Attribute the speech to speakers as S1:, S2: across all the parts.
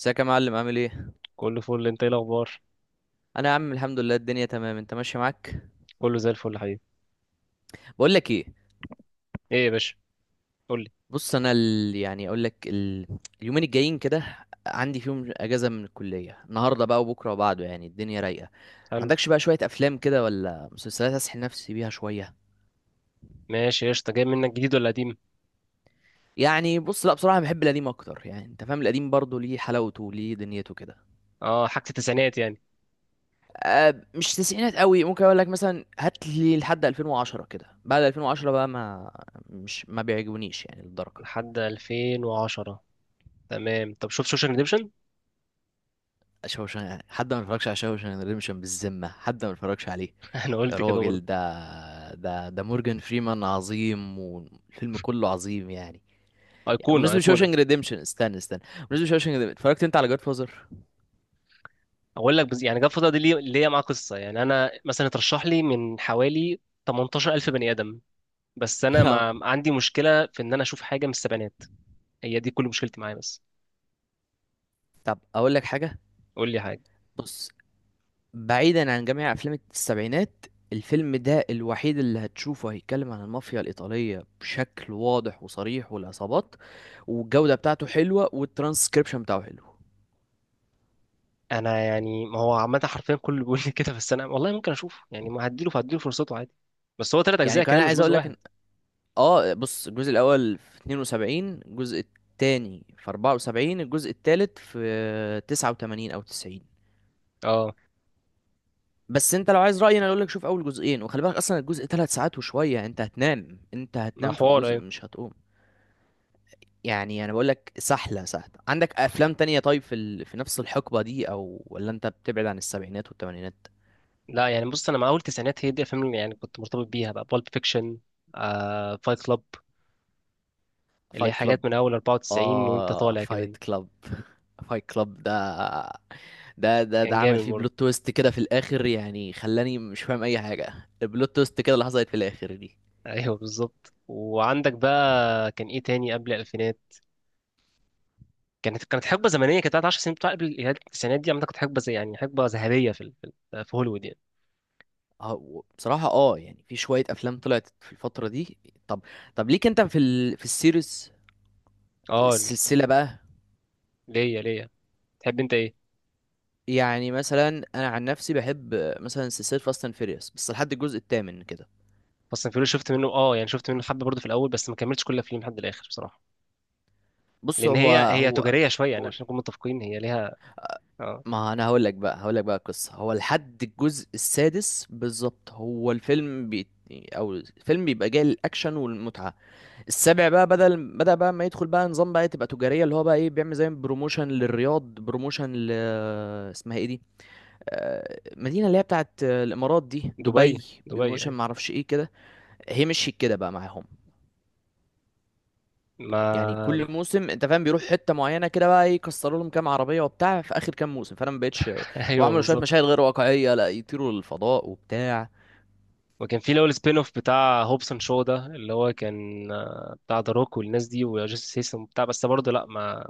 S1: ازيك يا معلم، عامل ايه؟
S2: كله فل، انت ايه الاخبار؟
S1: انا يا عم الحمد لله الدنيا تمام، انت ماشي معاك؟
S2: كله زي الفل يا حبيبي.
S1: بقول لك ايه؟
S2: ايه يا باشا؟ قول لي.
S1: بص انا يعني اقول لك اليومين الجايين كده عندي فيهم اجازه من الكليه، النهارده بقى وبكره وبعده، يعني الدنيا رايقه.
S2: حلو.
S1: عندكش بقى شويه افلام كده ولا مسلسلات اسحل نفسي بيها شويه؟
S2: ماشي قشطه، جاي منك جديد ولا قديم؟
S1: يعني بص لا بصراحه بحب القديم اكتر، يعني انت فاهم، القديم برضه ليه حلاوته وليه دنيته كده.
S2: اه، حاجه التسعينات يعني.
S1: أه مش تسعينات قوي، ممكن اقول لك مثلا هات لي لحد 2010 كده، بعد 2010 بقى ما مش ما بيعجبونيش يعني للدرجه.
S2: لحد 2010. تمام، طب شوف سوشيال ريديمشن.
S1: حد ما اتفرجش على شوشان ريدمشن؟ بالذمة حد ما اتفرجش عليه؟
S2: انا
S1: يا
S2: قلت كده
S1: راجل،
S2: برضه.
S1: ده مورجان فريمان عظيم، والفيلم كله عظيم يعني. يعني
S2: ايقونه
S1: بالنسبة
S2: ايقونه.
S1: لشوشان ريدمشن، استنى استنى. بالنسبة لشوشان ريدمشن، اتفرجت انت على جاد فازر؟
S2: اقول لك يعني جاب الفتره دي ليه، ليا معاه قصه، يعني انا مثلا اترشح لي من حوالي 18000 بني ادم. بس انا ما عندي مشكله في ان انا اشوف حاجه من السبعينات. هي دي كل مشكلتي معايا بس.
S1: طب اقول لك حاجة.
S2: قول لي حاجه.
S1: بص، بعيدا عن جميع افلام السبعينات، الفيلم ده الوحيد اللي هتشوفه هيتكلم عن المافيا الإيطالية بشكل واضح وصريح، والعصابات والجودة بتاعته حلوة، والترانسكريبشن بتاعه حلو.
S2: انا يعني ما هو عامه حرفيا كله بيقول لي كده، بس انا والله ممكن اشوفه، يعني ما هديله فرصته عادي. بس هو ثلاث
S1: يعني
S2: اجزاء
S1: كمان
S2: كمان مش
S1: عايز
S2: جزء
S1: اقول
S2: واحد.
S1: لك، اه بص الجزء الاول في 72، الجزء التاني في 74، الجزء التالت في 89 او 90.
S2: اه
S1: بس انت لو عايز رأيي انا اقول لك شوف اول جزئين، وخلي بالك اصلا الجزء 3 ساعات وشوية، انت هتنام انت
S2: ما
S1: هتنام في
S2: حوار
S1: الجزء
S2: ايوه.
S1: مش هتقوم. يعني انا بقول لك سحلة سهلة. عندك افلام تانية طيب في في نفس الحقبة دي، او ولا انت بتبعد عن السبعينات والثمانينات؟
S2: لا يعني بص، انا مع اول تسعينات، هي دي الافلام اللي يعني كنت مرتبط بيها بقى، بالب فيكشن. آه فايت كلاب. اللي هي
S1: فايت كلاب.
S2: حاجات من اول 94 وانت
S1: اه
S2: طالع كده
S1: فايت
S2: دي.
S1: كلاب. فايت كلاب ده
S2: كان
S1: عمل
S2: جامد
S1: فيه
S2: برضه.
S1: بلوت تويست كده في الاخر، يعني خلاني مش فاهم اي حاجه. البلوت تويست كده اللي حصلت في الاخر دي.
S2: ايوه بالظبط، وعندك بقى كان ايه تاني قبل الالفينات؟ كانت حقبه زمنيه، كانت بتاعت 10 سنين، بتاع قبل التسعينات دي. عامه كانت حقبه زي يعني حقبه ذهبيه في هوليوود يعني.
S1: بصراحه يعني في شويه افلام طلعت في الفتره دي. طب طب ليك انت في في السيريز،
S2: اه
S1: السلسله بقى؟
S2: ليا ليا، تحب انت ايه؟
S1: يعني مثلا، انا عن نفسي بحب مثلا سلسله فاست اند فيريوس، بس لحد الجزء الثامن كده.
S2: فاست اند فيوريوس شفت منه، اه يعني شفت منه حبه برضه في الاول، بس ما كملتش كل الافلام لحد الاخر بصراحه.
S1: بص
S2: لان
S1: هو
S2: هي
S1: هو
S2: تجاريه شويه، يعني
S1: قول.
S2: عشان نكون متفقين، هي ليها. اه،
S1: ما انا هقول لك بقى القصه، هو لحد الجزء السادس بالظبط هو الفيلم او الفيلم بيبقى جاي للاكشن والمتعه. السابع بقى بدل بدأ بقى ما يدخل بقى نظام، بقى تبقى تجاريه، اللي هو بقى ايه، بيعمل زي بروموشن للرياض، بروموشن ل اسمها ايه دي، مدينه اللي هي بتاعت الامارات دي،
S2: دبي.
S1: دبي.
S2: دبي
S1: بروموشن
S2: ايوه.
S1: معرفش ايه كده. هي مشيت كده بقى معاهم. يعني
S2: ما،
S1: كل موسم انت فاهم بيروح حته معينه كده، بقى ايه، يكسروا لهم كام عربيه وبتاع، في اخر كام موسم فانا ما بقتش.
S2: ايوه
S1: وعملوا شويه
S2: بالظبط.
S1: مشاهد غير واقعيه، لا يطيروا للفضاء وبتاع.
S2: وكان في الاول سبين اوف بتاع هوبسون شو، ده اللي هو كان آه، بتاع ذا روك والناس دي وجاستس سيستم وبتاع، بس برضه لا ما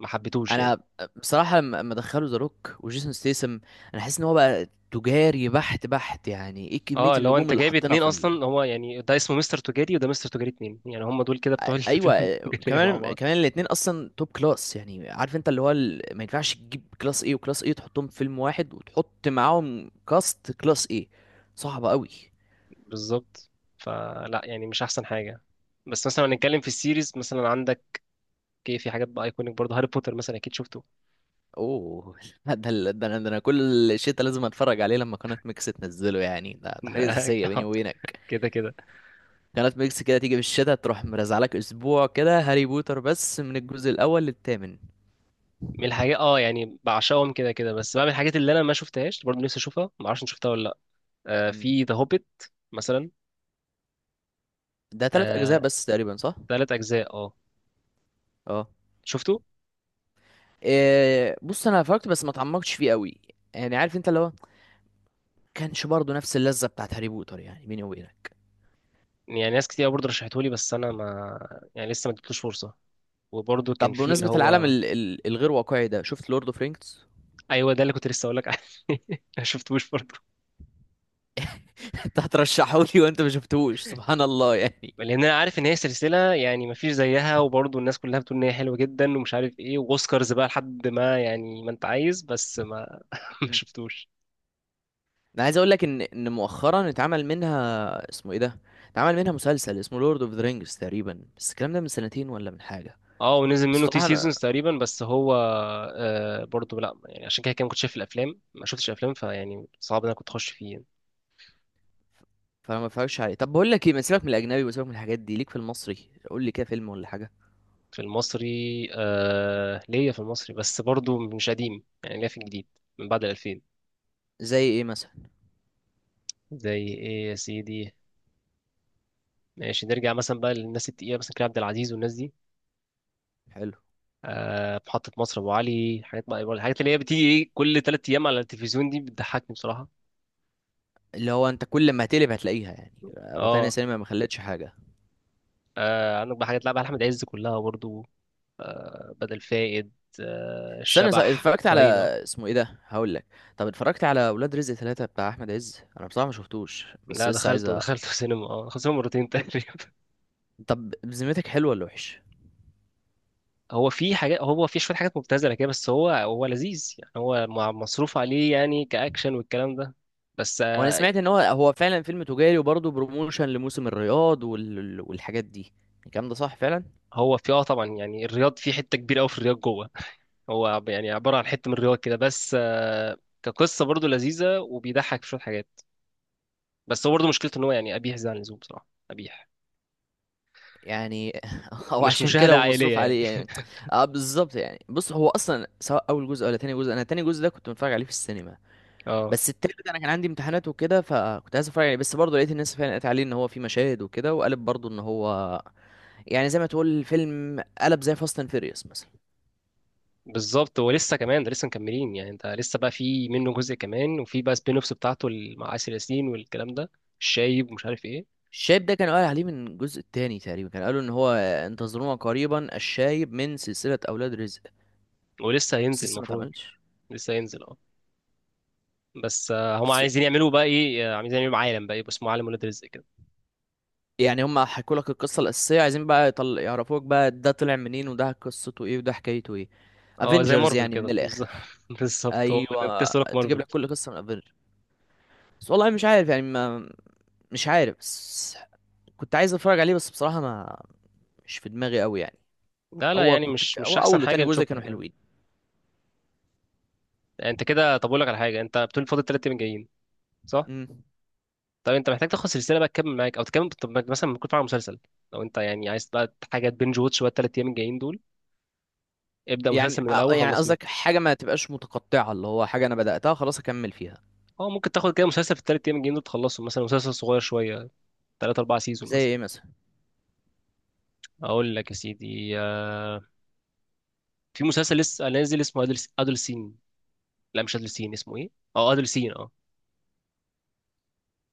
S2: ما حبيتهوش يعني.
S1: انا بصراحه لما دخلوا ذا روك وجيسون ستيسم، انا حاسس ان هو بقى تجاري بحت بحت، يعني ايه كميه
S2: اه اللي هو
S1: النجوم
S2: انت
S1: اللي
S2: جايب
S1: حطينا
S2: اتنين
S1: في
S2: اصلا، هو يعني ده اسمه مستر تجاري وده مستر تجاري اتنين، يعني هم دول كده بتوع الافلام
S1: ايوه.
S2: التجاريه مع
S1: كمان
S2: بعض.
S1: كمان الاتنين اصلا توب كلاس. يعني عارف انت اللي هو ما ينفعش تجيب كلاس ايه وكلاس ايه تحطهم في فيلم واحد وتحط معاهم كاست كلاس ايه. صعبه قوي.
S2: بالظبط. فلا يعني مش احسن حاجه. بس مثلا لو هنتكلم في السيريز، مثلا عندك ايه؟ في حاجات بقى ايكونيك برضه، هاري بوتر مثلا اكيد شفته.
S1: اوه لا، ده انا كل الشتا لازم اتفرج عليه لما قناة ميكس تنزله، يعني ده حاجة أساسية بيني وبينك.
S2: كده كده.
S1: قناة ميكس كده تيجي في الشتا تروح مرزعلك اسبوع كده هاري بوتر بس من الجزء الاول للثامن.
S2: من الحاجات اه يعني بعشقهم كده كده، بس بقى من الحاجات اللي انا ما شفتهاش برضه نفسي اشوفها، ما اعرفش إن شفتها ولا لا. آه،
S1: مم.
S2: في ذا هوبيت مثلا.
S1: ده ثلاث اجزاء
S2: آه،
S1: بس تقريبا صح؟
S2: 3 اجزاء اه.
S1: اه.
S2: شفته.
S1: إيه، بص انا فرجت بس ما اتعمقتش فيه قوي، يعني عارف انت اللي هو كانش برضه نفس اللذة بتاعت هاري بوتر، يعني بيني وبينك.
S2: يعني ناس كتير برضه رشحته لي، بس انا ما، يعني لسه ما اديتلوش فرصه. وبرضه كان
S1: طب
S2: في اللي
S1: بمناسبة العالم
S2: هو
S1: ال الغير واقعي ده، شفت لورد اوف رينجز؟
S2: ايوه، ده اللي كنت لسه اقول لك عليه. ما شفتوش برضه.
S1: انت هترشحه لي وانت ما شفتهوش؟ سبحان الله يعني.
S2: لان انا عارف ان هي سلسله يعني مفيش زيها، وبرضه الناس كلها بتقول ان هي حلوه جدا ومش عارف ايه، واوسكارز بقى لحد ما يعني ما انت عايز، بس ما ما شفتوش.
S1: انا عايز اقول لك ان مؤخرا اتعمل منها، اسمه ايه ده، اتعمل منها مسلسل اسمه لورد اوف ذا رينجز تقريبا، بس الكلام ده من سنتين ولا من حاجه.
S2: اه، ونزل
S1: بس
S2: منه تي
S1: بصراحه انا
S2: سيزونز تقريبا بس هو. آه برضه لا يعني، عشان كده كده ما كنتش شايف الافلام، ما شفتش افلام، فيعني صعب ان انا كنت اخش فيه يعني.
S1: فما اتفرجش عليه. طب بقول لك ايه، ما سيبك من الاجنبي وسيبك من الحاجات دي، ليك في المصري؟ قول لي كده فيلم ولا حاجه.
S2: في المصري. آه، ليا في المصري بس برضه مش قديم، يعني ليا في الجديد من بعد ال 2000.
S1: زي ايه مثلا؟
S2: زي ايه يا سيدي؟ ماشي، نرجع مثلا بقى للناس التقيله مثلا كريم عبد العزيز والناس دي.
S1: حلو.
S2: آه، محطة مصر، أبو علي، حاجات، ما الحاجات اللي هي بتيجي إيه كل تلات أيام على التلفزيون دي بتضحكني بصراحة.
S1: اللي هو انت كل ما هتقلب هتلاقيها، يعني روتانا
S2: أه.
S1: سينما ما خلتش حاجه.
S2: آه، عندك بقى حاجات لعبة أحمد عز كلها برضو. آه، بدل فائد. آه،
S1: استنى صح،
S2: الشبح
S1: اتفرجت على
S2: راينا.
S1: اسمه ايه ده، هقول لك، طب اتفرجت على ولاد رزق ثلاثة بتاع احمد عز؟ انا بصراحه ما شفتوش بس
S2: لا،
S1: لسه عايز
S2: دخلته دخلته سينما، اه دخلت سينما مرتين تقريبا.
S1: طب بذمتك حلو ولا وحش؟
S2: هو في حاجات، هو في شوية حاجات مبتذلة كده، بس هو لذيذ يعني، هو مصروف عليه يعني كأكشن والكلام ده. بس
S1: وانا
S2: آه.
S1: سمعت ان هو فعلا فيلم تجاري وبرضه بروموشن لموسم الرياض والحاجات دي. الكلام ده صح فعلا؟
S2: هو في اه طبعا، يعني الرياض في حتة كبيرة أوي في الرياض جوه. هو يعني عبارة عن حتة من الرواية كده بس آه. كقصة برضه لذيذة وبيضحك في شوية حاجات. بس هو برضه مشكلته إن هو يعني قبيح زي عن اللزوم، بصراحة قبيح.
S1: يعني هو
S2: مش
S1: عشان كده
S2: مشاهدة
S1: هو
S2: عائلية
S1: مصروف
S2: يعني.
S1: عليه يعني. اه بالظبط. يعني بص هو اصلا سواء اول جزء ولا تاني جزء، انا تاني جزء ده كنت متفرج عليه في السينما،
S2: اه
S1: بس التالت انا كان عندي امتحانات وكده، فكنت عايز اتفرج عليه بس برضه لقيت الناس فعلا قالت عليه ان هو فيه مشاهد وكده، وقالت برضه ان هو يعني زي ما تقول الفيلم قلب زي فاست اند فيريوس مثلا.
S2: بالظبط، هو لسه كمان ده لسه مكملين، يعني انت لسه بقى في منه جزء كمان، وفي بقى سبين اوفس بتاعته مع آسر ياسين والكلام ده، الشايب ومش عارف ايه.
S1: الشايب ده كان قال عليه من الجزء التاني تقريبا، كان قالوا ان هو انتظرونا قريبا الشايب من سلسلة اولاد رزق،
S2: ولسه
S1: بس
S2: هينزل
S1: لسه ما
S2: المفروض.
S1: اتعملش.
S2: لسه هينزل اه. بس آه، هم
S1: بس
S2: عايزين يعملوا بقى ايه، آه، عايزين يعملوا عالم بقى يبقى اسمه عالم ولاد رزق كده.
S1: يعني هم حكوا لك القصة الأساسية، عايزين بقى يعرفوك بقى ده طلع منين وده قصته ايه وده حكايته ايه.
S2: اه زي
S1: افنجرز
S2: مارفل
S1: يعني
S2: كده.
S1: من
S2: بالظبط.
S1: الآخر.
S2: بالظبط هو انا كنت
S1: ايوه.
S2: لسه هقولك
S1: تجيب
S2: مارفل.
S1: لك كل قصة من افنجرز. بس والله مش عارف، يعني ما... مش عارف بس، كنت عايز اتفرج عليه بس بصراحة ما مش في دماغي قوي يعني.
S2: لا لا
S1: هو
S2: يعني
S1: كنت
S2: مش
S1: هو
S2: احسن
S1: اول
S2: حاجه
S1: وتاني جزء
S2: نشوفها
S1: كانوا
S2: يعني.
S1: حلوين.
S2: انت كده، طب اقول لك على حاجه، انت بتقول فاضل 3 ايام جايين، صح؟
S1: امم.
S2: طب انت محتاج تاخد سلسله بقى تكمل معاك، او تكمل، طب مثلا ممكن تتفرج على مسلسل. لو انت يعني عايز بقى حاجه بنج واتش بقى ال 3 ايام الجايين دول، ابدا
S1: يعني
S2: مسلسل من الاول
S1: يعني
S2: خلص فيهم.
S1: قصدك حاجة ما تبقاش متقطعة، اللي هو حاجة أنا بدأتها خلاص أكمل فيها.
S2: اه ممكن تاخد كده مسلسل في ال 3 ايام الجايين دول تخلصه، مثلا مسلسل صغير شويه، ثلاث اربع سيزون
S1: زي
S2: مثلا.
S1: إيه مثلا؟
S2: اقول لك يا سيدي آه، في مسلسل لسه نازل اسمه ادلسين، لا مش ادلسين، اسمه ايه، اه ادلسين اه.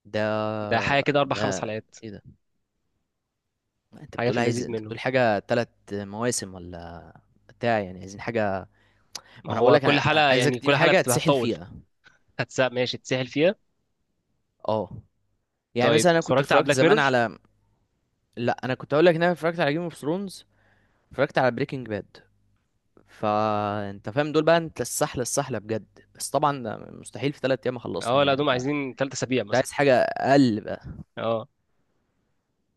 S1: ده
S2: ده حاجه كده اربع خمس
S1: ده
S2: حلقات.
S1: إيه ده؟ أنت
S2: حاجه في
S1: بتقول عايز
S2: اللذيذ
S1: أنت
S2: منه.
S1: بتقول حاجة تلات مواسم ولا؟ بتاع يعني عايزين حاجة، ما
S2: ما
S1: أنا
S2: هو
S1: بقولك
S2: كل
S1: أنا
S2: حلقة
S1: عايزك
S2: يعني
S1: تديني
S2: كل حلقة
S1: حاجة
S2: بتبقى
S1: تسحل
S2: هتطول.
S1: فيها.
S2: هتسأل ماشي تسهل فيها.
S1: أه. يعني
S2: طيب
S1: مثلا أنا كنت
S2: اتفرجت على
S1: اتفرجت
S2: بلاك
S1: زمان
S2: ميرور؟
S1: على، لأ أنا كنت أقولك إن أنا اتفرجت على جيم اوف ثرونز، اتفرجت على بريكنج باد، فأنت فاهم دول بقى، أنت السحلة السحلة بجد، بس طبعا ده مستحيل في 3 أيام
S2: اه،
S1: أخلصهم
S2: لا
S1: يعني
S2: دوم
S1: ف كنت
S2: عايزين 3 اسابيع مثلا.
S1: عايز حاجة أقل.
S2: اه.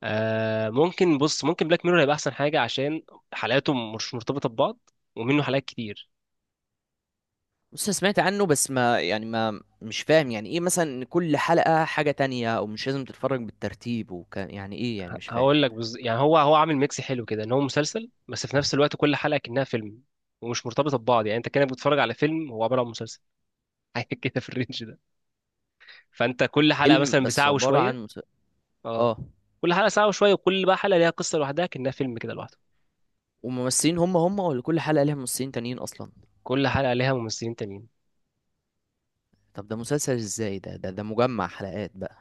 S2: آه، ممكن بص ممكن بلاك ميرور هيبقى احسن حاجه، عشان حلقاته مش مرتبطه ببعض، ومنه حلقات كتير.
S1: بص أنا سمعت عنه بس ما يعني ما مش فاهم، يعني ايه مثلا ان كل حلقة حاجة تانية، او مش لازم تتفرج بالترتيب، وكان يعني ايه يعني مش فاهم.
S2: هقول لك يعني هو عامل ميكس حلو كده، ان هو مسلسل بس في نفس الوقت كل حلقه كأنها فيلم، ومش مرتبطه ببعض، يعني انت كانك بتتفرج على فيلم هو عباره عن مسلسل. حاجه كده في الرينج ده. فانت كل حلقه
S1: فيلم
S2: مثلا
S1: بس
S2: بساعه
S1: عبارة
S2: وشويه.
S1: عن
S2: اه.
S1: اه.
S2: كل حلقه ساعه وشويه، وكل بقى حلقه ليها قصه لوحدها كأنها فيلم كده لوحده.
S1: وممثلين هم هم ولا كل حلقة ليها ممثلين تانيين اصلا؟
S2: كل حلقه ليها ممثلين تانيين.
S1: طب ده مسلسل ازاي؟ ده مجمع حلقات بقى.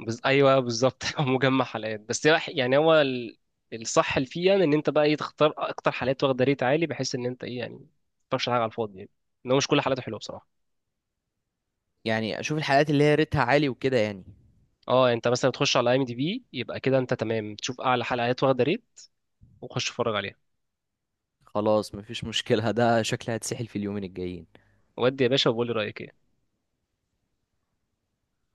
S2: ايوه بالظبط هو مجمع حلقات، بس يعني هو الصح اللي فيه يعني ان انت بقى ايه تختار اكتر حلقات واخده ريت عالي، بحيث ان انت ايه يعني ما تختارش حاجه على الفاضي يعني. ان هو مش كل حلقاته حلوه بصراحه.
S1: يعني اشوف الحلقات اللي هي ريتها عالي وكده يعني.
S2: اه انت مثلا تخش على اي ام دي بي، يبقى كده انت تمام تشوف اعلى حلقات واخده ريت وخش اتفرج عليها.
S1: خلاص مفيش مشكلة، ده شكلها هتسحل في اليومين الجايين.
S2: ودي يا باشا وقول لي رايك ايه.